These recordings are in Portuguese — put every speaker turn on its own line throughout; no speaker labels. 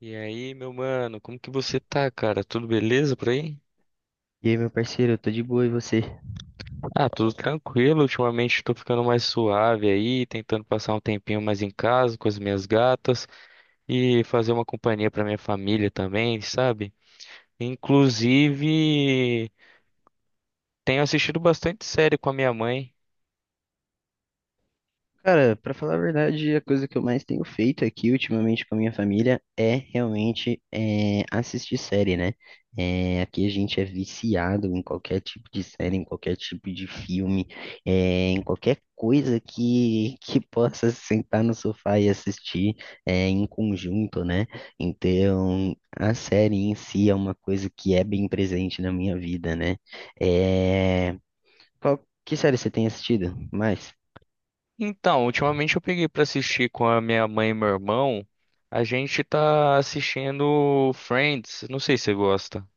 E aí, meu mano, como que você tá, cara? Tudo beleza por aí?
E aí, meu parceiro, eu tô de boa e você?
Ah, tudo tranquilo. Ultimamente tô ficando mais suave aí, tentando passar um tempinho mais em casa com as minhas gatas e fazer uma companhia pra minha família também, sabe? Inclusive, tenho assistido bastante série com a minha mãe.
Cara, pra falar a verdade, a coisa que eu mais tenho feito aqui ultimamente com a minha família é realmente assistir série, né? É, aqui a gente é viciado em qualquer tipo de série, em qualquer tipo de filme, em qualquer coisa que possa sentar no sofá e assistir em conjunto, né? Então, a série em si é uma coisa que é bem presente na minha vida, né? É. Qual, que série você tem assistido mais?
Então, ultimamente eu peguei pra assistir com a minha mãe e meu irmão. A gente tá assistindo Friends. Não sei se você gosta.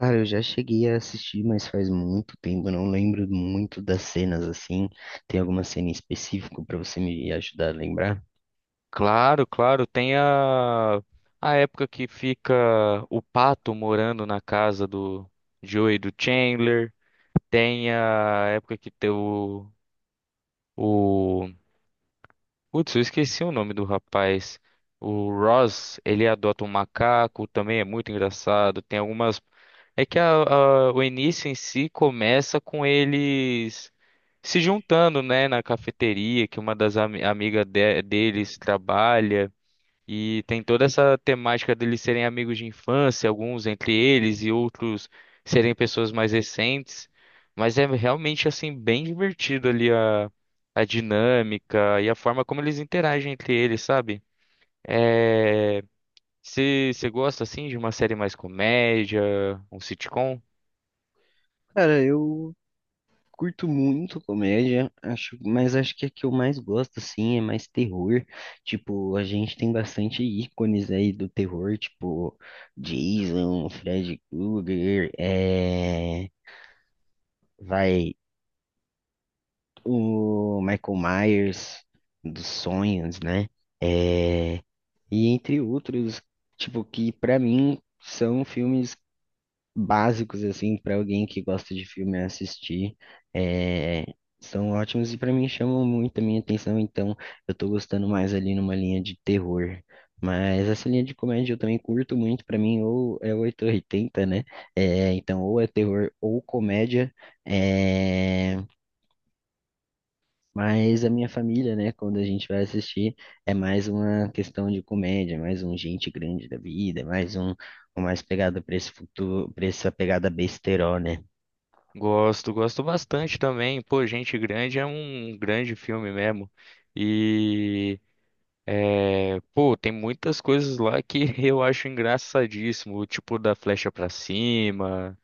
Cara, eu já cheguei a assistir, mas faz muito tempo, eu não lembro muito das cenas assim. Tem alguma cena em específico pra você me ajudar a lembrar?
Claro, claro. Tem a época que fica o Pato morando na casa do Joey e do Chandler. Tem a época que tem o. Putz, eu esqueci o nome do rapaz. O Ross, ele adota um macaco, também é muito engraçado. Tem algumas. É que o início em si começa com eles se juntando, né, na cafeteria que uma das amigas deles trabalha. E tem toda essa temática deles serem amigos de infância, alguns entre eles e outros serem pessoas mais recentes. Mas é realmente assim bem divertido ali a dinâmica e a forma como eles interagem entre eles, sabe? É... Se você gosta assim de uma série mais comédia, um sitcom?
Cara, eu curto muito comédia, acho, mas acho que a que eu mais gosto assim é mais terror. Tipo, a gente tem bastante ícones aí do terror, tipo Jason, Freddy Krueger, vai o Michael Myers dos sonhos, né? É, e entre outros, tipo, que pra mim são filmes básicos, assim, pra alguém que gosta de filme assistir. É, são ótimos e pra mim chamam muito a minha atenção, então eu tô gostando mais ali numa linha de terror. Mas essa linha de comédia eu também curto muito, pra mim, ou é 8 ou 80, né? É, então, ou é terror ou comédia. É, mas a minha família, né, quando a gente vai assistir, é mais uma questão de comédia, mais um gente grande da vida, é um mais pegado pra esse futuro, pra essa pegada besterol, né?
Gosto, gosto bastante também. Pô, Gente Grande é um grande filme mesmo. E, pô, tem muitas coisas lá que eu acho engraçadíssimo, o tipo da flecha pra cima,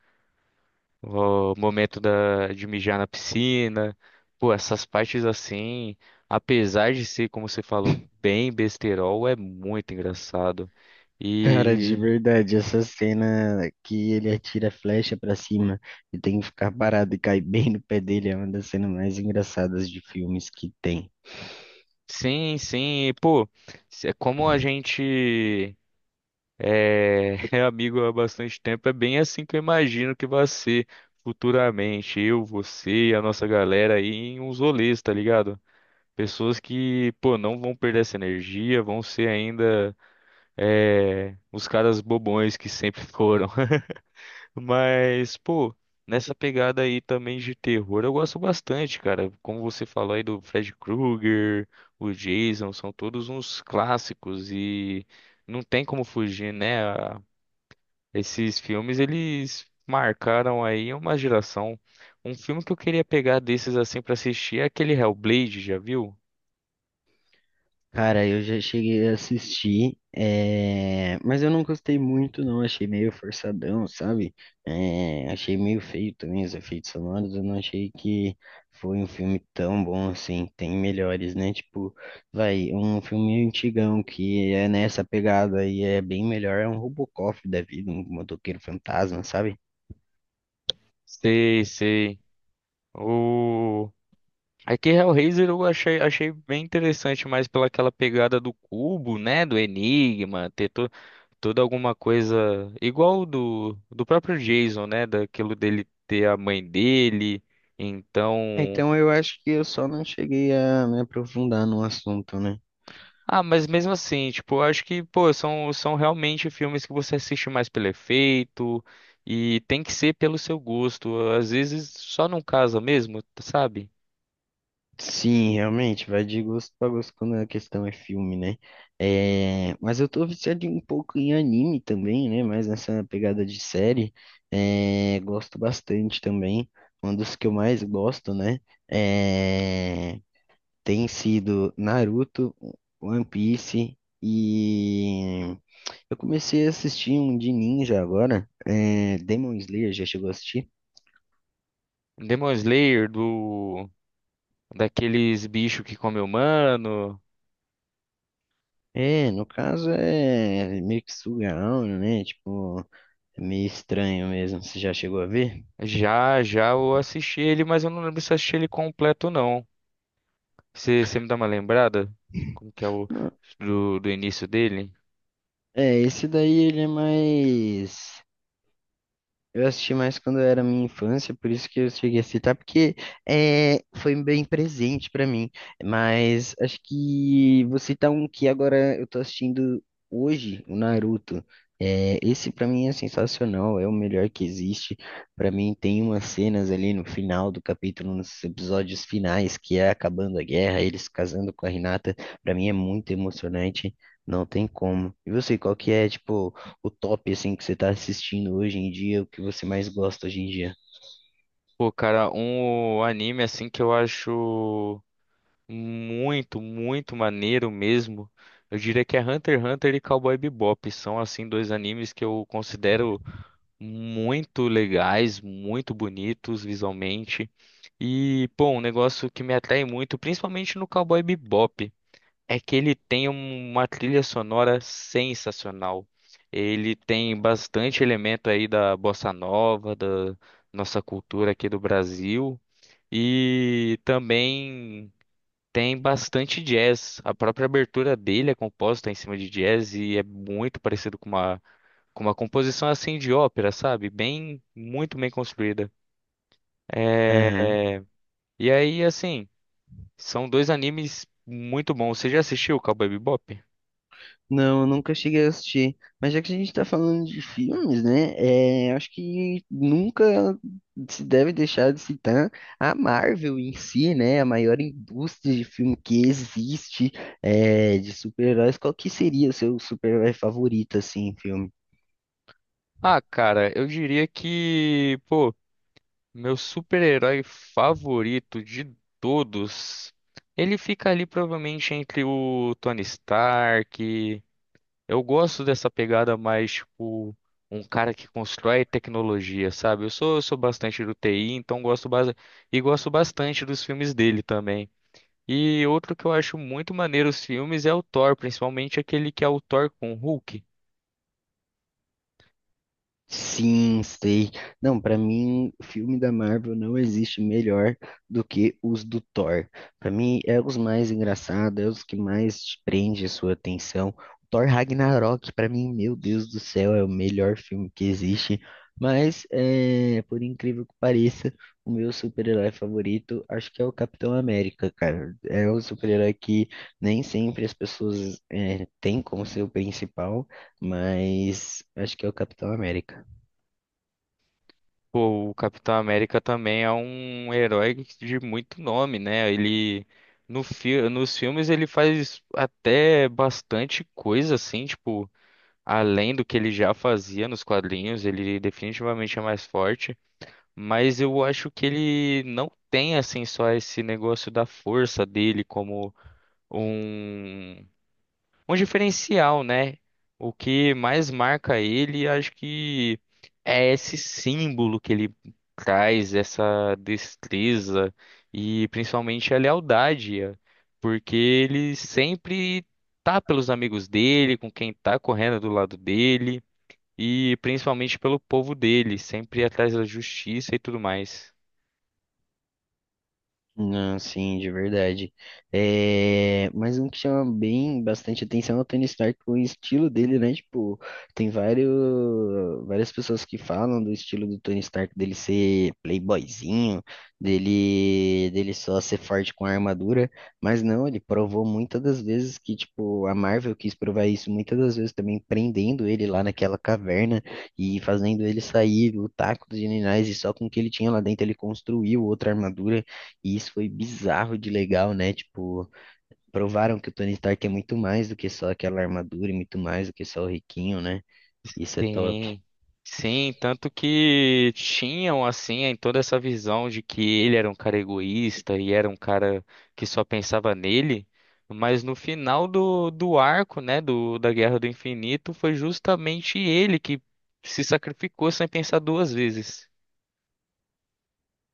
o momento de mijar na piscina. Pô, essas partes assim, apesar de ser, como você falou, bem besterol, é muito engraçado.
Cara, de
E
verdade, essa cena que ele atira a flecha pra cima e tem que ficar parado e cair bem no pé dele é uma das cenas mais engraçadas de filmes que tem.
sim, sim, pô, é como a gente. É, é amigo há bastante tempo. É bem assim que eu imagino que vai ser futuramente. Eu, você e a nossa galera aí em uns rolês, tá ligado? Pessoas que, pô, não vão perder essa energia, vão ser ainda os caras bobões que sempre foram. Mas, pô, nessa pegada aí também de terror, eu gosto bastante, cara. Como você falou aí do Fred Krueger, o Jason, são todos uns clássicos e não tem como fugir, né? Esses filmes, eles marcaram aí uma geração. Um filme que eu queria pegar desses assim pra assistir é aquele Hellblade, já viu?
Cara, eu já cheguei a assistir, mas eu não gostei muito, não. Achei meio forçadão, sabe? Achei meio feio também os efeitos sonoros. Eu não achei que foi um filme tão bom assim. Tem melhores, né? Tipo, vai, um filme antigão que é nessa pegada e é bem melhor. É um Robocop da vida, um motoqueiro fantasma, sabe?
Sei, sei. O é que Hellraiser eu achei, achei bem interessante, mas pela aquela pegada do cubo, né, do enigma, ter toda alguma coisa igual do próprio Jason, né, daquilo dele ter a mãe dele.
Ah,
Então,
então eu acho que eu só não cheguei a me aprofundar no assunto, né?
ah, mas mesmo assim, tipo, eu acho que, pô, são realmente filmes que você assiste mais pelo efeito e tem que ser pelo seu gosto. Às vezes só não casa mesmo, sabe?
Sim, realmente, vai de gosto pra gosto quando a questão é filme, né? É, mas eu tô viciado um pouco em anime também, né? Mas nessa pegada de série, gosto bastante também. Um dos que eu mais gosto, né? É, tem sido Naruto, One Piece e eu comecei a assistir um de ninja agora, Demon Slayer, já chegou a assistir?
Demon Slayer, daqueles bichos que come humano.
É, no caso é meio que Sugaon, né? Tipo. É meio estranho mesmo. Você já chegou a ver?
Já, já eu assisti ele, mas eu não lembro se eu assisti ele completo, não. Você me dá uma lembrada? Como que é o
Não.
do início dele?
É, esse daí ele é mais. Eu assisti mais quando era minha infância, por isso que eu cheguei a citar, porque foi bem presente pra mim. Mas acho que vou citar um que agora eu tô assistindo hoje, o Naruto. É, esse pra mim é sensacional, é o melhor que existe. Pra mim tem umas cenas ali no final do capítulo, nos episódios finais, que é acabando a guerra, eles casando com a Hinata. Pra mim é muito emocionante, não tem como. E você, qual que é, tipo o top, assim, que você tá assistindo hoje em dia, o que você mais gosta hoje em dia?
Pô, cara, um anime assim que eu acho. Muito, muito maneiro mesmo. Eu diria que é Hunter x Hunter e Cowboy Bebop. São, assim, dois animes que eu considero muito legais, muito bonitos visualmente. E, pô, um negócio que me atrai muito, principalmente no Cowboy Bebop, é que ele tem uma trilha sonora sensacional. Ele tem bastante elemento aí da bossa nova, da nossa cultura aqui do Brasil. E também. Tem bastante jazz. A própria abertura dele é composta em cima de jazz e é muito parecido com com uma composição assim de ópera, sabe? Bem, muito bem construída. É,
Aham.
E aí, assim, são dois animes muito bons. Você já assistiu o Cowboy Bebop?
Não, eu nunca cheguei a assistir. Mas já que a gente tá falando de filmes, né? É, acho que nunca se deve deixar de citar a Marvel em si, né? A maior indústria de filme que existe, de super-heróis. Qual que seria o seu super-herói favorito, assim, em filme?
Ah, cara, eu diria que, pô, meu super-herói favorito de todos, ele fica ali provavelmente entre o Tony Stark. Eu gosto dessa pegada mais, tipo, um cara que constrói tecnologia, sabe? Eu sou bastante do TI, então gosto bastante, e gosto bastante dos filmes dele também. E outro que eu acho muito maneiro os filmes é o Thor, principalmente aquele que é o Thor com o Hulk.
Sim, sei. Não, pra mim, filme da Marvel não existe melhor do que os do Thor. Pra mim, é os mais engraçados, é os que mais te prende a sua atenção. Thor Ragnarok, pra mim, meu Deus do céu, é o melhor filme que existe. Mas, por incrível que pareça, o meu super-herói favorito, acho que é o Capitão América, cara. É o super-herói que nem sempre as pessoas, têm como seu principal, mas acho que é o Capitão América.
Pô, o Capitão América também é um herói de muito nome, né? Ele no fi nos filmes ele faz até bastante coisa assim, tipo além do que ele já fazia nos quadrinhos, ele definitivamente é mais forte, mas eu acho que ele não tem assim só esse negócio da força dele como um um diferencial, né? O que mais marca ele, acho que é esse símbolo que ele traz, essa destreza e principalmente a lealdade, porque ele sempre tá pelos amigos dele, com quem tá correndo do lado dele. E principalmente pelo povo dele, sempre atrás da justiça e tudo mais.
Não, sim, de verdade. É, mas um que chama bem bastante atenção é o Tony Stark, o estilo dele, né? Tipo, tem vários, várias pessoas que falam do estilo do Tony Stark, dele ser playboyzinho, dele só ser forte com a armadura, mas não, ele provou muitas das vezes que, tipo, a Marvel quis provar isso muitas das vezes também prendendo ele lá naquela caverna e fazendo ele sair, lutar com os generais e só com o que ele tinha lá dentro ele construiu outra armadura. E isso foi bizarro de legal, né? Tipo, provaram que o Tony Stark é muito mais do que só aquela armadura e muito mais do que só o riquinho, né? Isso é top.
Sim. Sim, tanto que tinham assim em toda essa visão de que ele era um cara egoísta e era um cara que só pensava nele, mas no final do arco, né, da Guerra do Infinito, foi justamente ele que se sacrificou sem pensar duas vezes.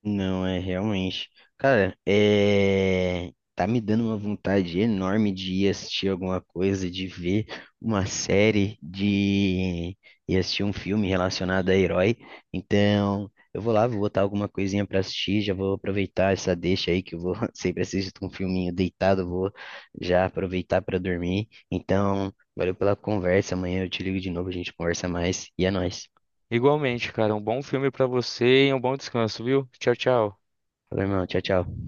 Não, é realmente. Cara, é. Tá me dando uma vontade enorme de ir assistir alguma coisa, de ver uma série, de ir assistir um filme relacionado a herói. Então, eu vou lá, vou botar alguma coisinha pra assistir, já vou aproveitar essa deixa aí que eu vou sempre assisto um filminho deitado, vou já aproveitar pra dormir. Então, valeu pela conversa. Amanhã eu te ligo de novo, a gente conversa mais. E é nóis.
Igualmente, cara, um bom filme pra você e um bom descanso, viu? Tchau, tchau.
Falou, irmão. Tchau, tchau.